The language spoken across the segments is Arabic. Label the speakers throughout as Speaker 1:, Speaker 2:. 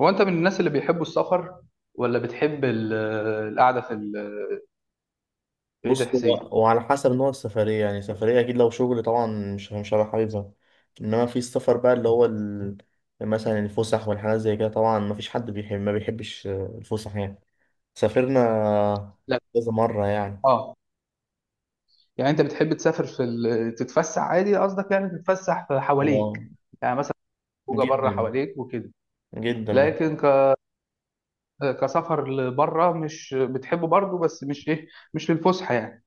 Speaker 1: هو انت من الناس اللي بيحبوا السفر ولا بتحب القعده في بعيد يا
Speaker 2: بص، هو
Speaker 1: حسين؟
Speaker 2: وعلى حسب نوع السفرية. يعني سفرية أكيد لو شغل طبعا مش هبقى حاببها. إنما في السفر بقى مثلا الفسح والحاجات زي كده، طبعا مفيش حد بيحب ما بيحبش الفسح يعني. سافرنا
Speaker 1: لا.
Speaker 2: كذا مرة يعني.
Speaker 1: اه. يعني انت بتحب تسافر في تتفسح عادي، قصدك يعني تتفسح في حواليك.
Speaker 2: آه،
Speaker 1: يعني مثلا، خروجه بره
Speaker 2: جدا
Speaker 1: حواليك وكده.
Speaker 2: جدا بحب.
Speaker 1: لكن كسفر لبره مش بتحبه برضه، بس مش ايه. مش للفسحه يعني.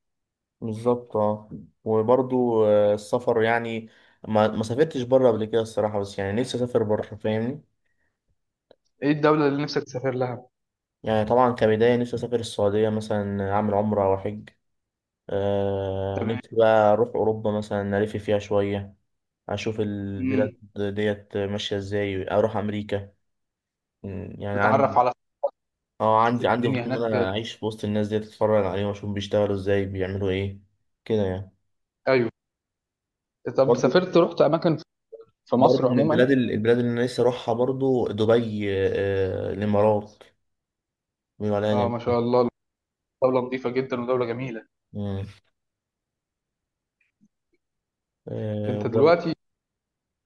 Speaker 2: بالظبط، اه. وبرضو السفر يعني، ما سافرتش بره قبل كده الصراحة، بس يعني نفسي أسافر بره، فاهمني.
Speaker 1: ايه الدوله اللي نفسك تسافر لها؟
Speaker 2: يعني طبعا كبداية نفسي أسافر السعودية مثلا، أعمل عمرة أو حج. آه،
Speaker 1: تمام.
Speaker 2: نفسي بقى أروح أوروبا مثلا، ألف فيها شوية، أشوف البلاد
Speaker 1: امم
Speaker 2: ديت، ماشية إزاي أروح أمريكا. يعني
Speaker 1: تتعرف
Speaker 2: عندي،
Speaker 1: على تشوف
Speaker 2: عندي
Speaker 1: الدنيا
Speaker 2: فضول إن
Speaker 1: هناك.
Speaker 2: أنا أعيش في وسط الناس ديت، أتفرج عليهم وأشوف بيشتغلوا إزاي، بيعملوا إيه كده يعني.
Speaker 1: ايوه. طب
Speaker 2: برضو
Speaker 1: سافرت، رحت اماكن في
Speaker 2: برضو
Speaker 1: مصر
Speaker 2: من
Speaker 1: عموما؟
Speaker 2: البلاد البلاد اللي أنا نفسي أروحها، برضو دبي، الإمارات، بيقولوا عليها
Speaker 1: اه، ما
Speaker 2: جميلة.
Speaker 1: شاء الله. دوله نظيفه جدا ودوله جميله.
Speaker 2: مم. آه،
Speaker 1: انت
Speaker 2: بر-
Speaker 1: دلوقتي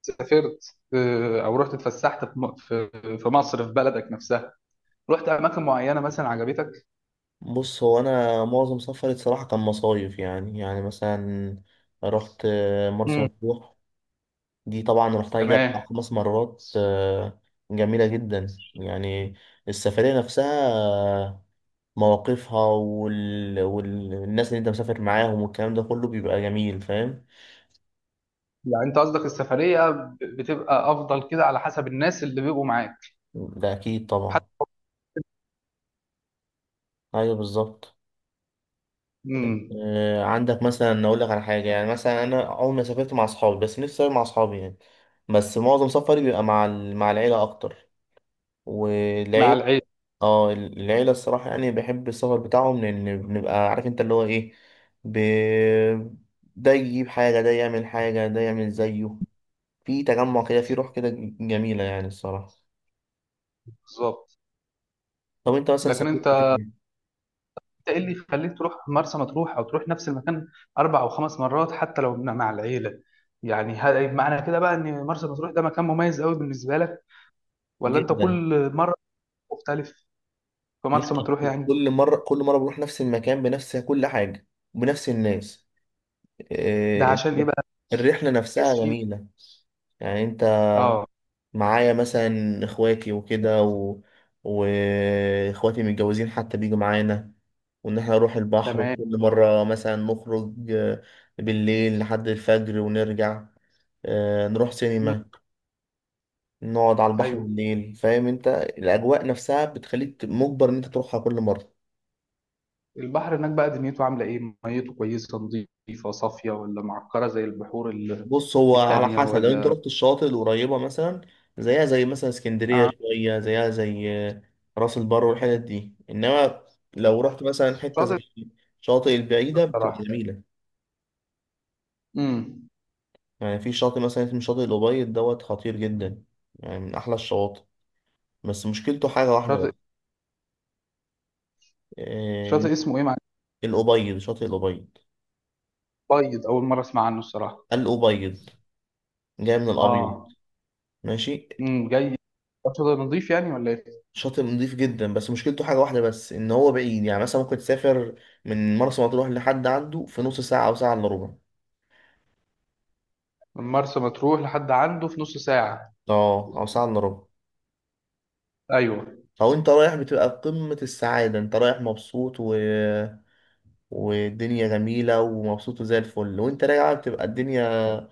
Speaker 1: سافرت او رحت اتفسحت في في مصر، في بلدك نفسها، رحت اماكن معينه مثلا عجبتك؟
Speaker 2: بص، هو أنا معظم سفري الصراحة كان مصايف. يعني مثلا رحت مرسى
Speaker 1: مم.
Speaker 2: مطروح. دي طبعا رحتها يجي أربع
Speaker 1: تمام.
Speaker 2: خمس مرات. جميلة جدا يعني. السفرية نفسها، مواقفها والناس اللي انت مسافر معاهم والكلام ده كله بيبقى جميل، فاهم.
Speaker 1: يعني انت قصدك السفريه بتبقى افضل كده على حسب الناس اللي بيبقوا معاك؟
Speaker 2: ده أكيد طبعا.
Speaker 1: حتى.
Speaker 2: أيوه بالظبط.
Speaker 1: مم.
Speaker 2: عندك مثلا، أقول لك على حاجة. يعني مثلا أنا أول ما سافرت مع أصحابي، بس نفسي أسافر مع أصحابي يعني. بس معظم سفري بيبقى مع مع العيلة أكتر.
Speaker 1: مع
Speaker 2: والعيلة،
Speaker 1: العيله.
Speaker 2: اه العيلة الصراحة يعني بحب السفر بتاعهم، لأن بنبقى عارف انت اللي هو ايه. ب... ده يجيب حاجة، ده يعمل حاجة، ده يعمل زيه. في تجمع كده، في روح كده، جميلة يعني الصراحة.
Speaker 1: بالظبط.
Speaker 2: طب انت مثلا
Speaker 1: لكن
Speaker 2: سافرت
Speaker 1: انت
Speaker 2: فين؟
Speaker 1: انت ايه اللي يخليك تروح مرسى مطروح او تروح نفس المكان 4 أو 5 مرات حتى لو مع العيله؟ يعني هل معنى كده بقى ان مرسى مطروح ده مكان مميز قوي بالنسبه لك، ولا انت
Speaker 2: جدا.
Speaker 1: كل مره مختلف في
Speaker 2: لا.
Speaker 1: مرسى مطروح يعني؟
Speaker 2: كل مرة كل مرة بروح نفس المكان بنفس كل حاجة، وبنفس الناس.
Speaker 1: ده
Speaker 2: إيه،
Speaker 1: عشان ايه بقى؟
Speaker 2: الرحلة نفسها
Speaker 1: اسفين.
Speaker 2: جميلة. يعني انت
Speaker 1: اه.
Speaker 2: معايا مثلا اخواتي وكده واخواتي متجوزين حتى بيجوا معانا. وان احنا نروح البحر
Speaker 1: تمام.
Speaker 2: كل مرة، مثلا نخرج بالليل لحد الفجر ونرجع، نروح
Speaker 1: مم.
Speaker 2: سينما، نقعد على البحر
Speaker 1: ايوه.
Speaker 2: بالليل. فاهم انت، الاجواء نفسها بتخليك مجبر ان انت تروحها كل مرة.
Speaker 1: البحر هناك بقى دنيته عامله ايه، ميته كويسه نظيفه صافيه ولا معكره زي البحور
Speaker 2: بص، هو على
Speaker 1: التانية
Speaker 2: حسب. لو انت
Speaker 1: ولا؟
Speaker 2: رحت الشواطئ القريبة مثلا، زيها زي مثلا اسكندرية، شوية زيها زي راس البر والحتت دي. انما لو رحت مثلا حتة
Speaker 1: شاطئ.
Speaker 2: زي الشاطئ البعيدة بتبقى
Speaker 1: الصراحه.
Speaker 2: جميلة.
Speaker 1: امم
Speaker 2: يعني في شاطئ مثلا اسمه شاطئ الأبيض دوت، خطير جدا يعني، من أحلى الشواطئ. بس مشكلته حاجة واحدة بس،
Speaker 1: شاطئ
Speaker 2: إن
Speaker 1: شاطئ اسمه ايه معلش؟
Speaker 2: الأبيض، شاطئ الأبيض.
Speaker 1: بيض، اول مره اسمع عنه الصراحه.
Speaker 2: الأبيض، جاي من الأبيض.
Speaker 1: اه.
Speaker 2: ماشي.
Speaker 1: جاي. شاطئ نظيف يعني ولا ايه؟
Speaker 2: شاطئ نضيف جدا، بس مشكلته حاجة واحدة بس إن هو بعيد. يعني مثلا ممكن تسافر من مرسى مطروح لحد عنده في نص ساعة أو ساعة إلا ربع.
Speaker 1: من مرسى مطروح لحد عنده في نص ساعه؟
Speaker 2: اه، أو ساعة إلا ربع.
Speaker 1: ايوه.
Speaker 2: فهو أنت رايح بتبقى في قمة السعادة، أنت رايح مبسوط والدنيا جميلة ومبسوط وزي الفل. وأنت راجع بتبقى الدنيا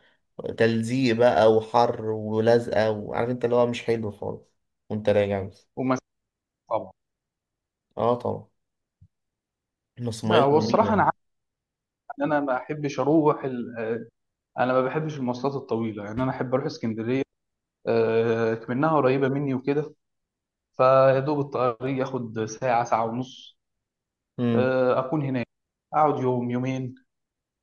Speaker 2: تلزيق بقى وحر ولزقة، وعارف أنت اللي هو مش حلو خالص. وأنت راجع بس.
Speaker 1: ومسافه. طبعا.
Speaker 2: اه طبعا. بس
Speaker 1: لا،
Speaker 2: ميته
Speaker 1: هو
Speaker 2: جميلة
Speaker 1: الصراحه انا
Speaker 2: يعني.
Speaker 1: عارف ان انا ما احبش اروح انا ما بحبش المواصلات الطويله. يعني انا احب اروح اسكندريه. منها قريبة مني وكده. فيا دوب الطريق ياخد ساعة، ساعة ونص.
Speaker 2: مم.
Speaker 1: أكون هناك. أقعد يوم يومين.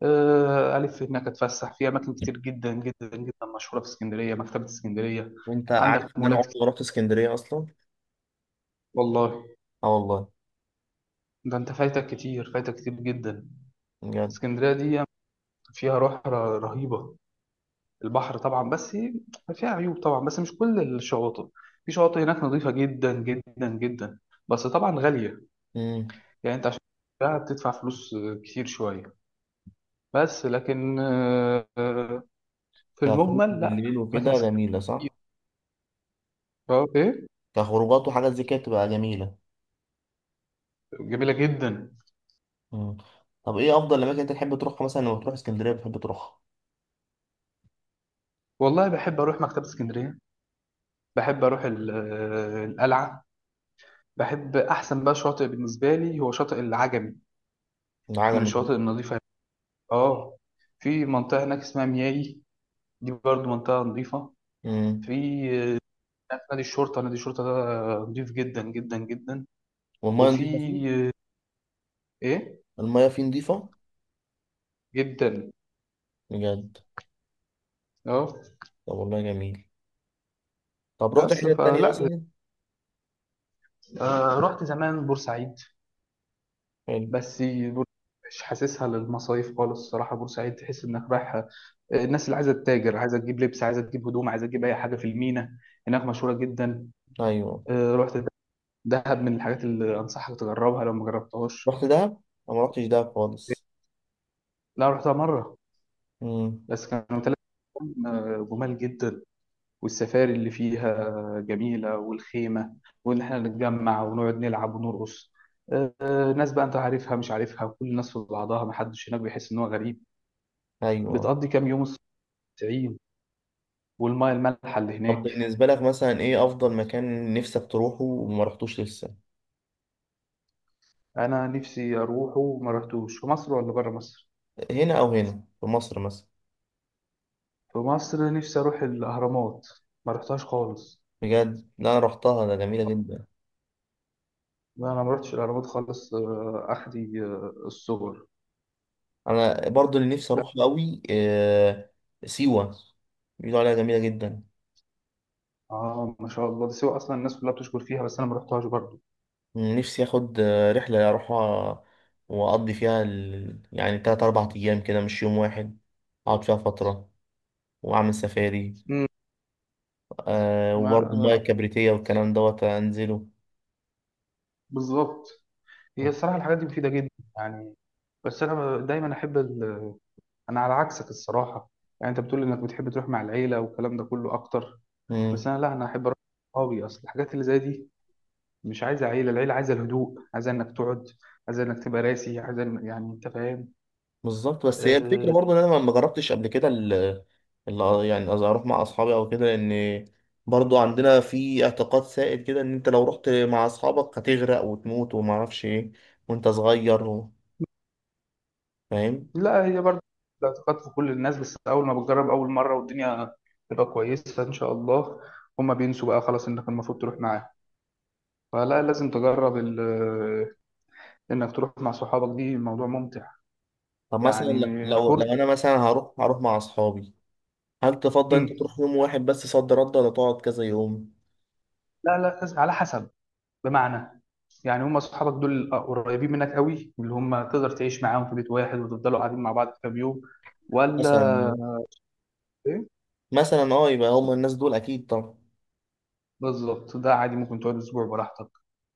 Speaker 1: ألف هناك أتفسح في أماكن كتير جدا جدا جدا مشهورة في اسكندرية، مكتبة اسكندرية.
Speaker 2: وأنت
Speaker 1: عندك
Speaker 2: عارف إن أنا
Speaker 1: مولات
Speaker 2: عمري
Speaker 1: كتير.
Speaker 2: ما رحت اسكندرية أصلا.
Speaker 1: والله.
Speaker 2: اه والله.
Speaker 1: ده أنت فايتك كتير، فايتك كتير جدا.
Speaker 2: بجد.
Speaker 1: اسكندرية دي فيها روح رهيبة. البحر طبعا، بس فيها عيوب طبعا، بس مش كل الشواطئ. في شواطئ هناك نظيفة جدا جدا جدا، بس طبعا غالية.
Speaker 2: مم.
Speaker 1: يعني انت عشان تشتريها بتدفع فلوس كتير شويه، بس لكن في
Speaker 2: كخروج
Speaker 1: المجمل لا.
Speaker 2: بالليل
Speaker 1: اماكن
Speaker 2: وكده
Speaker 1: اسكندريه.
Speaker 2: جميلة، صح؟
Speaker 1: اه، ايه.
Speaker 2: كخروجات وحاجات زي كده بتبقى جميلة.
Speaker 1: جميله جدا.
Speaker 2: مم. طب ايه أفضل الأماكن أنت تحب تروحها مثلا لما بتروح اسكندرية بتحب تروحها؟
Speaker 1: والله بحب اروح مكتبه اسكندريه. بحب اروح القلعه. بحب احسن بقى شاطئ بالنسبه لي هو شاطئ العجمي، من
Speaker 2: العجمي.
Speaker 1: الشواطئ النظيفه. اه. في منطقه هناك اسمها مياي، دي برضو منطقه نظيفه. في
Speaker 2: مم.
Speaker 1: آه، نادي الشرطه، نادي الشرطه ده نظيف جدا جدا جدا.
Speaker 2: والمية
Speaker 1: وفي
Speaker 2: نضيفة فيه؟
Speaker 1: آه، ايه.
Speaker 2: المية فيه نضيفة؟
Speaker 1: جدا.
Speaker 2: بجد؟
Speaker 1: اه.
Speaker 2: طب والله جميل. طب رحت
Speaker 1: بس
Speaker 2: حتة تانية
Speaker 1: فلا.
Speaker 2: مثلا؟
Speaker 1: رحت زمان بورسعيد.
Speaker 2: حلو.
Speaker 1: بس مش حاسسها للمصايف خالص الصراحة. بورسعيد تحس انك رايح الناس اللي عايزة تتاجر، عايزة تجيب لبس، عايزة تجيب هدوم، عايزة تجيب اي حاجة، في المينا هناك مشهورة جدا.
Speaker 2: أيوه.
Speaker 1: رحت دهب من الحاجات اللي انصحك تجربها لو ما جربتهاش.
Speaker 2: رحت دهب؟ أنا ما رحتش دهب خالص.
Speaker 1: لا، رحتها مرة.
Speaker 2: مم.
Speaker 1: بس كانوا ثلاث. جمال جدا. والسفاري اللي فيها جميلة والخيمة. وإن إحنا نتجمع ونقعد نلعب ونرقص. ناس بقى أنت عارفها مش عارفها، كل الناس في بعضها، محدش هناك بيحس إن هو غريب.
Speaker 2: أيوه.
Speaker 1: بتقضي كام يوم. الصين، والمية المالحة اللي
Speaker 2: طب
Speaker 1: هناك.
Speaker 2: بالنسبة لك مثلا، ايه أفضل مكان نفسك تروحه وما رحتوش لسه؟
Speaker 1: أنا نفسي أروحه وما رحتوش في مصر ولا بره مصر.
Speaker 2: هنا، أو هنا في مصر مثلا؟
Speaker 1: في مصر نفسي أروح الأهرامات. ما رحتهاش خالص.
Speaker 2: بجد؟ لا أنا رحتها، ده جميلة جدا.
Speaker 1: لا، أنا ما رحتش الأهرامات خالص. أخدي الصور.
Speaker 2: انا برضو اللي نفسي
Speaker 1: لا.
Speaker 2: اروح قوي سيوة، بيقولوا عليها جميلة جدا.
Speaker 1: ما شاء الله، دي سيوة أصلا الناس كلها بتشكر فيها، بس أنا ما رحتهاش برضه.
Speaker 2: نفسي اخد رحلة اروحها واقضي فيها يعني تلات اربع ايام كده، مش يوم واحد. اقعد فيها فترة واعمل سفاري. وبرضو
Speaker 1: ما.
Speaker 2: المياه الكبريتية والكلام دوت انزله.
Speaker 1: بالظبط. هي الصراحه الحاجات دي مفيده جدا. يعني. بس انا دايما احب انا على عكسك الصراحه. يعني انت بتقول انك بتحب تروح مع العيله والكلام ده كله اكتر. بس
Speaker 2: مم.
Speaker 1: انا، لا، انا احب اروح مع صحابي، اصل الحاجات اللي زي دي مش عايزه عيله. العيله عايزه الهدوء، عايزه انك تقعد، عايزه انك تبقى راسي، عايزه يعني انت فاهم.
Speaker 2: بالظبط. بس هي الفكرة
Speaker 1: أه...
Speaker 2: برضو ان انا ما جربتش قبل كده يعني قصدي اروح مع اصحابي او كده. لان برضو عندنا في اعتقاد سائد كده ان انت لو رحت مع اصحابك هتغرق وتموت وما اعرفش ايه، وانت صغير فاهم.
Speaker 1: لا، هي برضه الاعتقاد في كل الناس، بس اول ما بتجرب اول مره والدنيا تبقى كويسه ان شاء الله. هما بينسوا بقى خلاص، انك المفروض تروح معاهم. فلا، لازم تجرب انك تروح مع صحابك، دي موضوع ممتع.
Speaker 2: طب مثلا
Speaker 1: يعني.
Speaker 2: لو
Speaker 1: فرصه.
Speaker 2: لو انا مثلا هروح مع اصحابي. هل تفضل انت
Speaker 1: مم.
Speaker 2: تروح يوم واحد بس صد رد، ولا تقعد كذا يوم؟
Speaker 1: لا، لا، على حسب. بمعنى، يعني هم صحابك دول قريبين منك قوي، اللي هم تقدر تعيش معاهم في بيت واحد وتفضلوا قاعدين مع بعض كام يوم،
Speaker 2: مثلا
Speaker 1: ولا ايه؟
Speaker 2: مثلا يبقى هم الناس دول اكيد طبعا.
Speaker 1: بالظبط، ده عادي، ممكن تقعد اسبوع براحتك.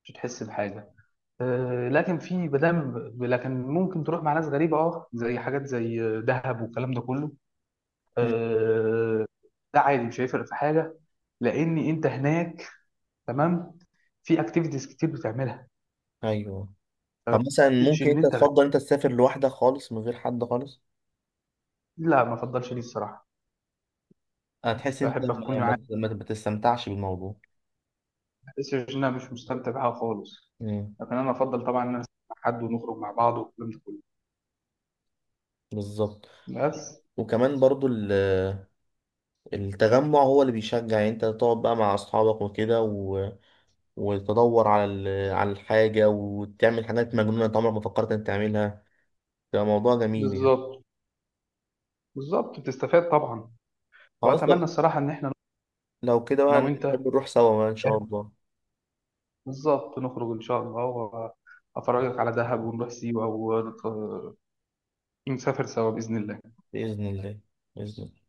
Speaker 1: مش هتحس بحاجه. أه، لكن في بدل، لكن ممكن تروح مع ناس غريبه زي حاجات زي دهب والكلام ده كله.
Speaker 2: مم.
Speaker 1: أه. ده عادي مش هيفرق في حاجه. لان انت هناك. تمام. في اكتيفيتيز كتير بتعملها.
Speaker 2: ايوه. طب مثلا
Speaker 1: مش
Speaker 2: ممكن
Speaker 1: ان
Speaker 2: انت
Speaker 1: انت
Speaker 2: تفضل انت تسافر لوحدك خالص من غير حد خالص؟
Speaker 1: لا، ما افضلش دي الصراحه.
Speaker 2: هتحس انت
Speaker 1: بحب اكون
Speaker 2: ما
Speaker 1: معايا،
Speaker 2: ما- ما- ما تستمتعش بالموضوع.
Speaker 1: بس مش ان انا مش مستمتع بها خالص.
Speaker 2: مم.
Speaker 1: لكن انا افضل طبعا ان انا أسافر مع حد ونخرج مع بعض والكلام ده كله.
Speaker 2: بالظبط.
Speaker 1: بس.
Speaker 2: وكمان برضو التجمع هو اللي بيشجع، يعني انت تقعد بقى مع اصحابك وكده وتدور على على الحاجة، وتعمل حاجات مجنونة انت عمرك ما فكرت انك تعملها. ده موضوع جميل يعني.
Speaker 1: بالظبط. بالظبط بتستفاد طبعا.
Speaker 2: خلاص،
Speaker 1: واتمنى
Speaker 2: لو
Speaker 1: الصراحه ان احنا،
Speaker 2: لو كده
Speaker 1: انا
Speaker 2: بقى
Speaker 1: وانت،
Speaker 2: نحب نروح سوا بقى ان شاء الله.
Speaker 1: بالظبط نخرج ان شاء الله، وافرجك على دهب ونروح سيوه، ونسافر سوا باذن الله.
Speaker 2: بإذن الله. بإذن الله.